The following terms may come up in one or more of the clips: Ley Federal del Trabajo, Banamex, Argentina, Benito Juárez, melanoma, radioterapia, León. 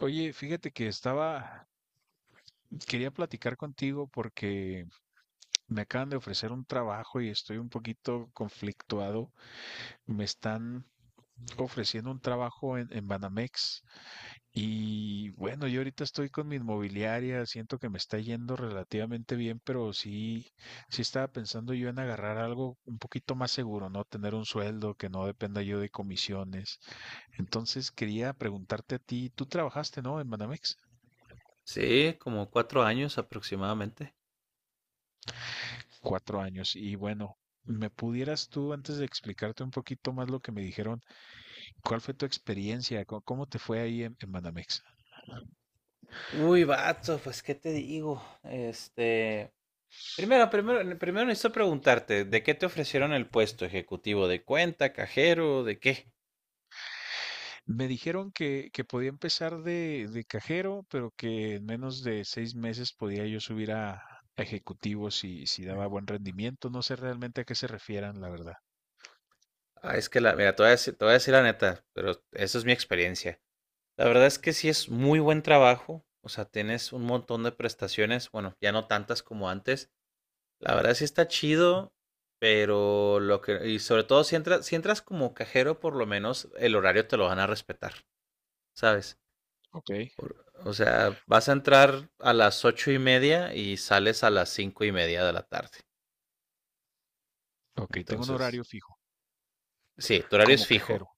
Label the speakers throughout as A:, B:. A: Oye, fíjate que quería platicar contigo porque me acaban de ofrecer un trabajo y estoy un poquito conflictuado. Me están ofreciendo un trabajo en Banamex y bueno, yo ahorita estoy con mi inmobiliaria, siento que me está yendo relativamente bien, pero sí estaba pensando yo en agarrar algo un poquito más seguro, ¿no? Tener un sueldo que no dependa yo de comisiones. Entonces quería preguntarte a ti, ¿tú trabajaste, no, en Banamex?
B: Sí, como 4 años aproximadamente.
A: 4 años. Y bueno, ¿me pudieras tú, antes de explicarte un poquito más lo que me dijeron, cuál fue tu experiencia? ¿Cómo te fue ahí en Banamex?
B: Uy, vato, pues qué te digo. Primero necesito preguntarte, ¿de qué te ofrecieron el puesto ejecutivo? ¿De cuenta, cajero, de qué?
A: Me dijeron que podía empezar de cajero, pero que en menos de 6 meses podía yo subir a ejecutivo si daba buen rendimiento. No sé realmente a qué se refieran, la verdad.
B: Ah, es que mira, te voy a decir la neta, pero eso es mi experiencia. La verdad es que sí es muy buen trabajo, o sea, tienes un montón de prestaciones, bueno, ya no tantas como antes. La verdad sí está chido, pero y sobre todo si entras como cajero, por lo menos el horario te lo van a respetar, ¿sabes?
A: Ok.
B: O sea, vas a entrar a las 8:30 y sales a las 5:30 de la tarde.
A: Ok, tengo un
B: Entonces,
A: horario fijo
B: sí, tu horario es
A: como
B: fijo.
A: cajero.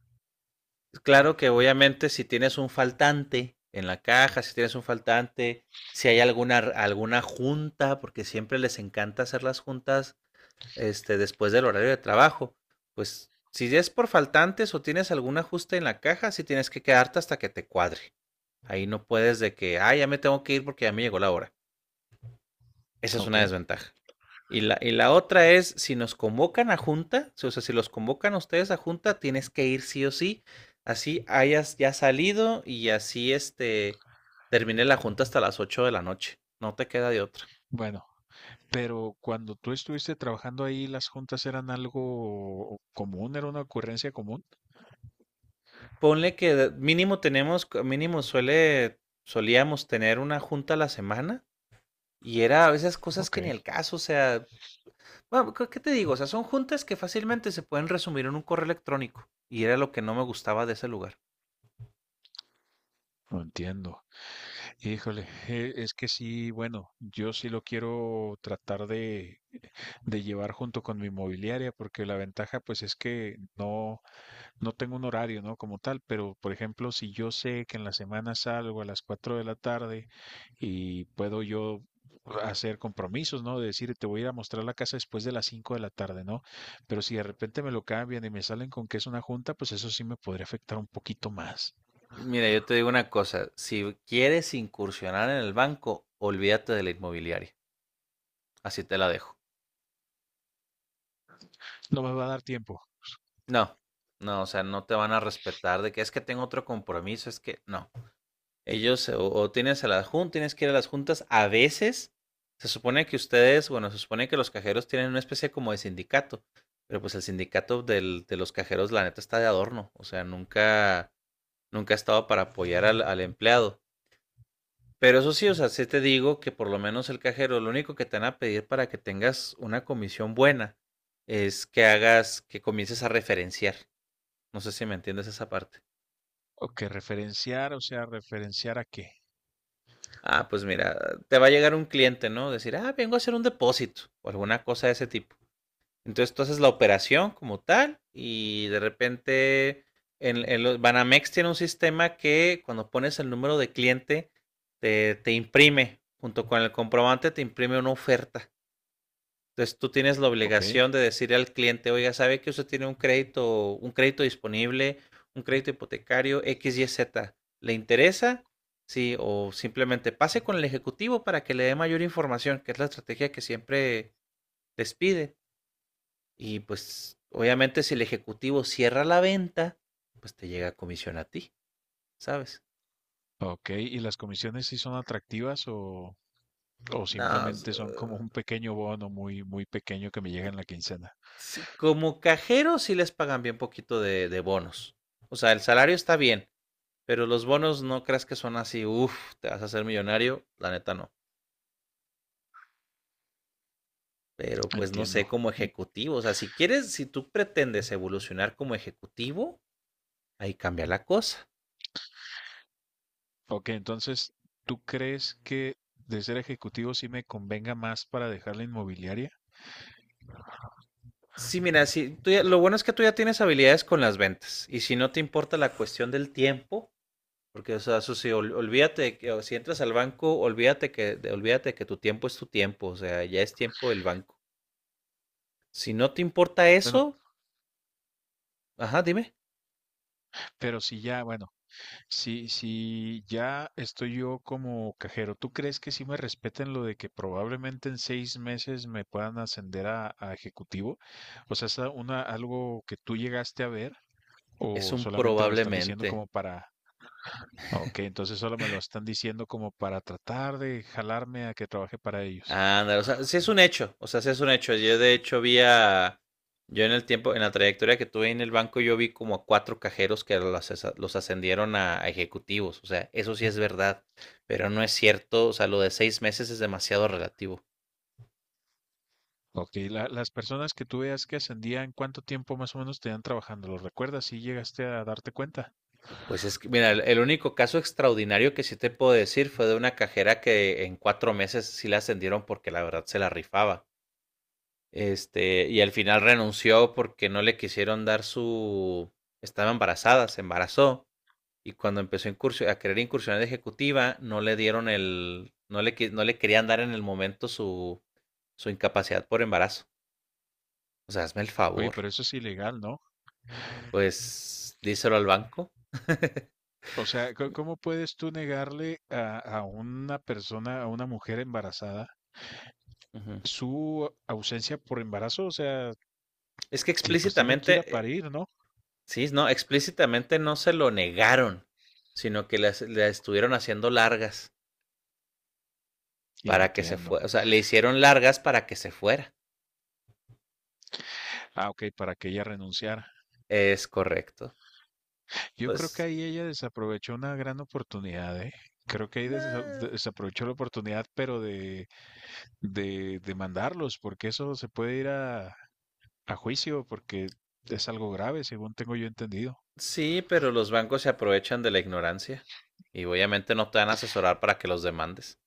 B: Claro que obviamente si tienes un faltante en la caja, si hay alguna junta, porque siempre les encanta hacer las juntas después del horario de trabajo. Pues si es por faltantes o tienes algún ajuste en la caja, sí tienes que quedarte hasta que te cuadre. Ahí no puedes de que, ah, ya me tengo que ir porque ya me llegó la hora. Esa es
A: Ok.
B: una desventaja. Y la otra es, si nos convocan a junta, o sea, si los convocan a ustedes a junta, tienes que ir sí o sí. Así hayas ya salido y así termine la junta hasta las 8 de la noche. No te queda de otra.
A: Bueno, pero cuando tú estuviste trabajando ahí, ¿las juntas eran algo común? ¿Era una ocurrencia común?
B: Ponle que mínimo solíamos tener una junta a la semana y era a veces cosas
A: Ok,
B: que ni el caso. O sea, bueno, ¿qué te digo? O sea, son juntas que fácilmente se pueden resumir en un correo electrónico y era lo que no me gustaba de ese lugar.
A: lo entiendo. Híjole, es que sí, bueno, yo sí lo quiero tratar de llevar junto con mi inmobiliaria, porque la ventaja pues es que no, no tengo un horario, ¿no? Como tal, pero por ejemplo, si yo sé que en la semana salgo a las 4 de la tarde y puedo yo hacer compromisos, ¿no? De decir, te voy a ir a mostrar la casa después de las 5 de la tarde, ¿no? Pero si de repente me lo cambian y me salen con que es una junta, pues eso sí me podría afectar un poquito más.
B: Mira, yo te digo una cosa, si quieres incursionar en el banco, olvídate de la inmobiliaria, así te la dejo.
A: No me va a dar tiempo.
B: No, no, o sea, no te van a respetar de que es que tengo otro compromiso, es que no. Ellos o tienes a las juntas, tienes que ir a las juntas. A veces se supone que los cajeros tienen una especie como de sindicato, pero pues el sindicato de los cajeros, la neta, está de adorno. O sea, nunca, nunca ha estado para apoyar al empleado. Pero eso sí, o sea, sí te digo que por lo menos el cajero, lo único que te van a pedir para que tengas una comisión buena es que que comiences a referenciar. No sé si me entiendes esa parte.
A: Ok, referenciar, o sea, referenciar a qué.
B: Ah, pues mira, te va a llegar un cliente, ¿no? Decir, ah, vengo a hacer un depósito o alguna cosa de ese tipo. Entonces tú haces la operación como tal y de repente Banamex tiene un sistema que cuando pones el número de cliente te imprime, junto con el comprobante te imprime una oferta. Entonces tú tienes la
A: Ok,
B: obligación de decirle al cliente, oiga, sabe que usted tiene un crédito disponible, un crédito hipotecario X, Y, Z. ¿Le interesa? Sí, o simplemente pase con el ejecutivo para que le dé mayor información, que es la estrategia que siempre les pide. Y pues obviamente si el ejecutivo cierra la venta, pues te llega a comisión a ti, ¿sabes?
A: ok. ¿Y las comisiones sí son atractivas o
B: No,
A: simplemente son como un pequeño bono muy pequeño que me llega en la quincena?
B: sí, como cajero sí les pagan bien poquito de bonos. O sea, el salario está bien. Pero los bonos no creas que son así, uff, te vas a hacer millonario, la neta no. Pero pues no
A: Entiendo.
B: sé, como ejecutivo, o sea, si quieres, si tú pretendes evolucionar como ejecutivo, ahí cambia la cosa.
A: Ok, entonces, ¿tú crees que de ser ejecutivo sí me convenga más para dejar la inmobiliaria?
B: Sí, mira, si tú ya- lo bueno es que tú ya tienes habilidades con las ventas y si no te importa la cuestión del tiempo, porque o sea, eso sí, olvídate que o si entras al banco, olvídate que tu tiempo es tu tiempo, o sea, ya es tiempo del banco. Si no te importa
A: Bueno,
B: eso, ajá, dime,
A: pero si ya, bueno. Si ya estoy yo como cajero, ¿tú crees que sí me respeten lo de que probablemente en 6 meses me puedan ascender a ejecutivo? O sea, ¿es a- una, algo que tú llegaste a ver
B: es
A: o
B: un
A: solamente me lo están diciendo
B: probablemente.
A: como para... ah, Ok, entonces solo me lo están diciendo como para tratar de jalarme a que trabaje para ellos.
B: Ándale, o sea, sí es un hecho, o sea, sí es un hecho. Yo de hecho yo en el tiempo, en la trayectoria que tuve en el banco, yo vi como a cuatro cajeros que los ascendieron a ejecutivos, o sea, eso sí es verdad, pero no es cierto, o sea, lo de 6 meses es demasiado relativo.
A: Ok, la- las personas que tú veas que ascendían, ¿cuánto tiempo más o menos tenían trabajando? ¿Lo recuerdas? Si llegaste a darte cuenta.
B: Pues es que, mira, el único caso extraordinario que sí te puedo decir fue de una cajera que en 4 meses sí la ascendieron porque la verdad se la rifaba. Y al final renunció porque no le quisieron dar su, estaba embarazada, se embarazó y cuando empezó a querer incursionar de ejecutiva, no le dieron el, no le, qui- no le querían dar en el momento su incapacidad por embarazo. O sea, hazme el
A: Oye,
B: favor.
A: pero eso es ilegal, ¿no?
B: Pues díselo al banco.
A: O sea, co- ¿cómo puedes tú negarle a una persona, a una mujer embarazada,
B: Ujú.
A: su ausencia por embarazo? O sea,
B: Es que
A: ti- pues tiene que ir a
B: explícitamente,
A: parir, ¿no?
B: sí, no, explícitamente no se lo negaron, sino que le estuvieron haciendo largas
A: Y
B: para que se
A: entiendo.
B: fuera. O sea, le hicieron largas para que se fuera.
A: Ah, ok, para que ella renunciara.
B: Es correcto.
A: Yo creo que
B: Pues,
A: ahí ella desaprovechó una gran oportunidad, ¿eh? Creo que ahí desa-
B: nah,
A: desaprovechó la oportunidad, pero de mandarlos, porque eso se puede ir a juicio, porque es algo grave, según tengo yo entendido.
B: sí, pero los bancos se aprovechan de la ignorancia y obviamente no te van a asesorar para que los demandes.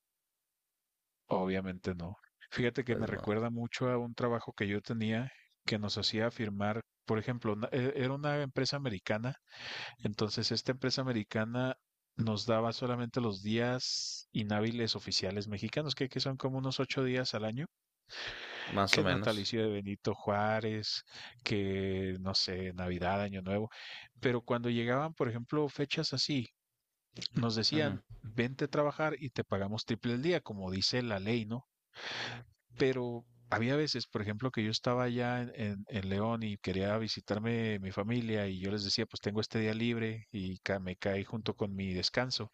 A: Obviamente no. Fíjate que
B: Pues
A: me
B: no,
A: recuerda mucho a un trabajo que yo tenía que nos hacía firmar, por ejemplo, una- e- era una empresa americana, entonces esta empresa americana nos daba solamente los días inhábiles oficiales mexicanos, que son como unos 8 días al año,
B: más o
A: que el
B: menos.
A: natalicio de Benito Juárez, que no sé, Navidad, Año Nuevo, pero cuando llegaban, por ejemplo, fechas así, nos
B: Ujú,
A: decían, vente a trabajar y te pagamos triple el día, como dice la ley, ¿no? Pero había veces, por ejemplo, que yo estaba allá en León y quería visitarme mi familia y yo les decía, pues tengo este día libre y ca- me caí junto con mi descanso.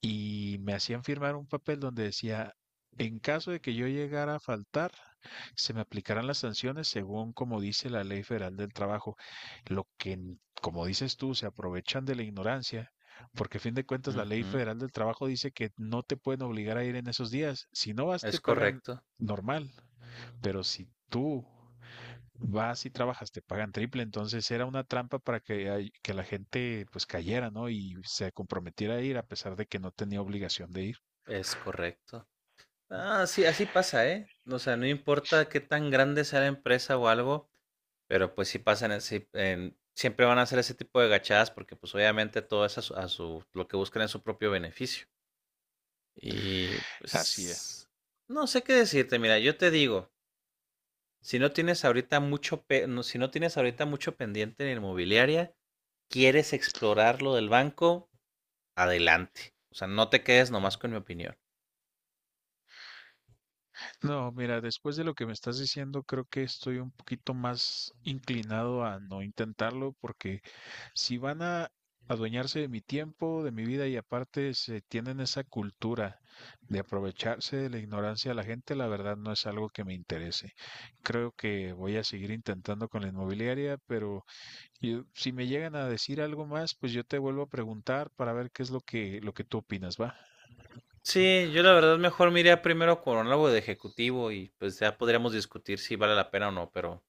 A: Y me hacían firmar un papel donde decía, en caso de que yo llegara a faltar, se me aplicarán las sanciones según como dice la Ley Federal del Trabajo. Lo que, n- como dices tú, se aprovechan de la ignorancia. Porque a fin de cuentas la Ley
B: ujú.
A: Federal del Trabajo dice que no te pueden obligar a ir en esos días. Si no vas, te
B: Es
A: pagan
B: correcto,
A: normal pero si tú vas y trabajas, te pagan triple, entonces era una trampa para que, hay- que la gente pues cayera, ¿no? Y se comprometiera a ir a pesar de que no tenía obligación de ir.
B: es correcto. Ah, sí, así pasa, ¿eh? O sea, no importa qué tan grande sea la empresa o algo, pero pues sí pasan, así, siempre van a hacer ese tipo de gachadas porque pues obviamente todo es lo que buscan es su propio beneficio. Y
A: Así es.
B: pues, no sé qué decirte, mira, yo te digo. Si no tienes ahorita mucho pendiente en inmobiliaria, quieres explorar lo del banco, adelante. O sea, no te quedes nomás con mi opinión.
A: No, mira, después de lo que me estás diciendo, creo que estoy un poquito más inclinado a no intentarlo porque si van a adueñarse de mi tiempo, de mi vida y aparte se tienen esa cultura de aprovecharse de la ignorancia de la gente, la verdad no es algo que me interese. Creo que voy a seguir intentando con la inmobiliaria, pero yo- si me llegan a decir algo más, pues yo te vuelvo a preguntar para ver qué es lo que tú opinas, ¿va?
B: Sí, yo la verdad mejor me iría primero con algo de ejecutivo y pues ya podríamos discutir si vale la pena o no, pero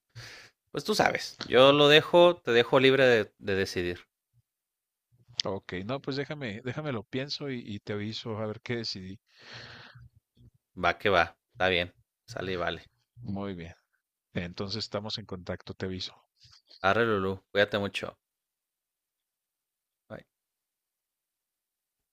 B: pues tú sabes, te dejo libre de decidir.
A: Ok, no, pues déjame, déjame lo pienso y te aviso a ver qué decidí.
B: Va que va, está bien, sale y vale.
A: Muy bien. Entonces estamos en contacto, te aviso.
B: Arre Lulú, cuídate mucho. Bye.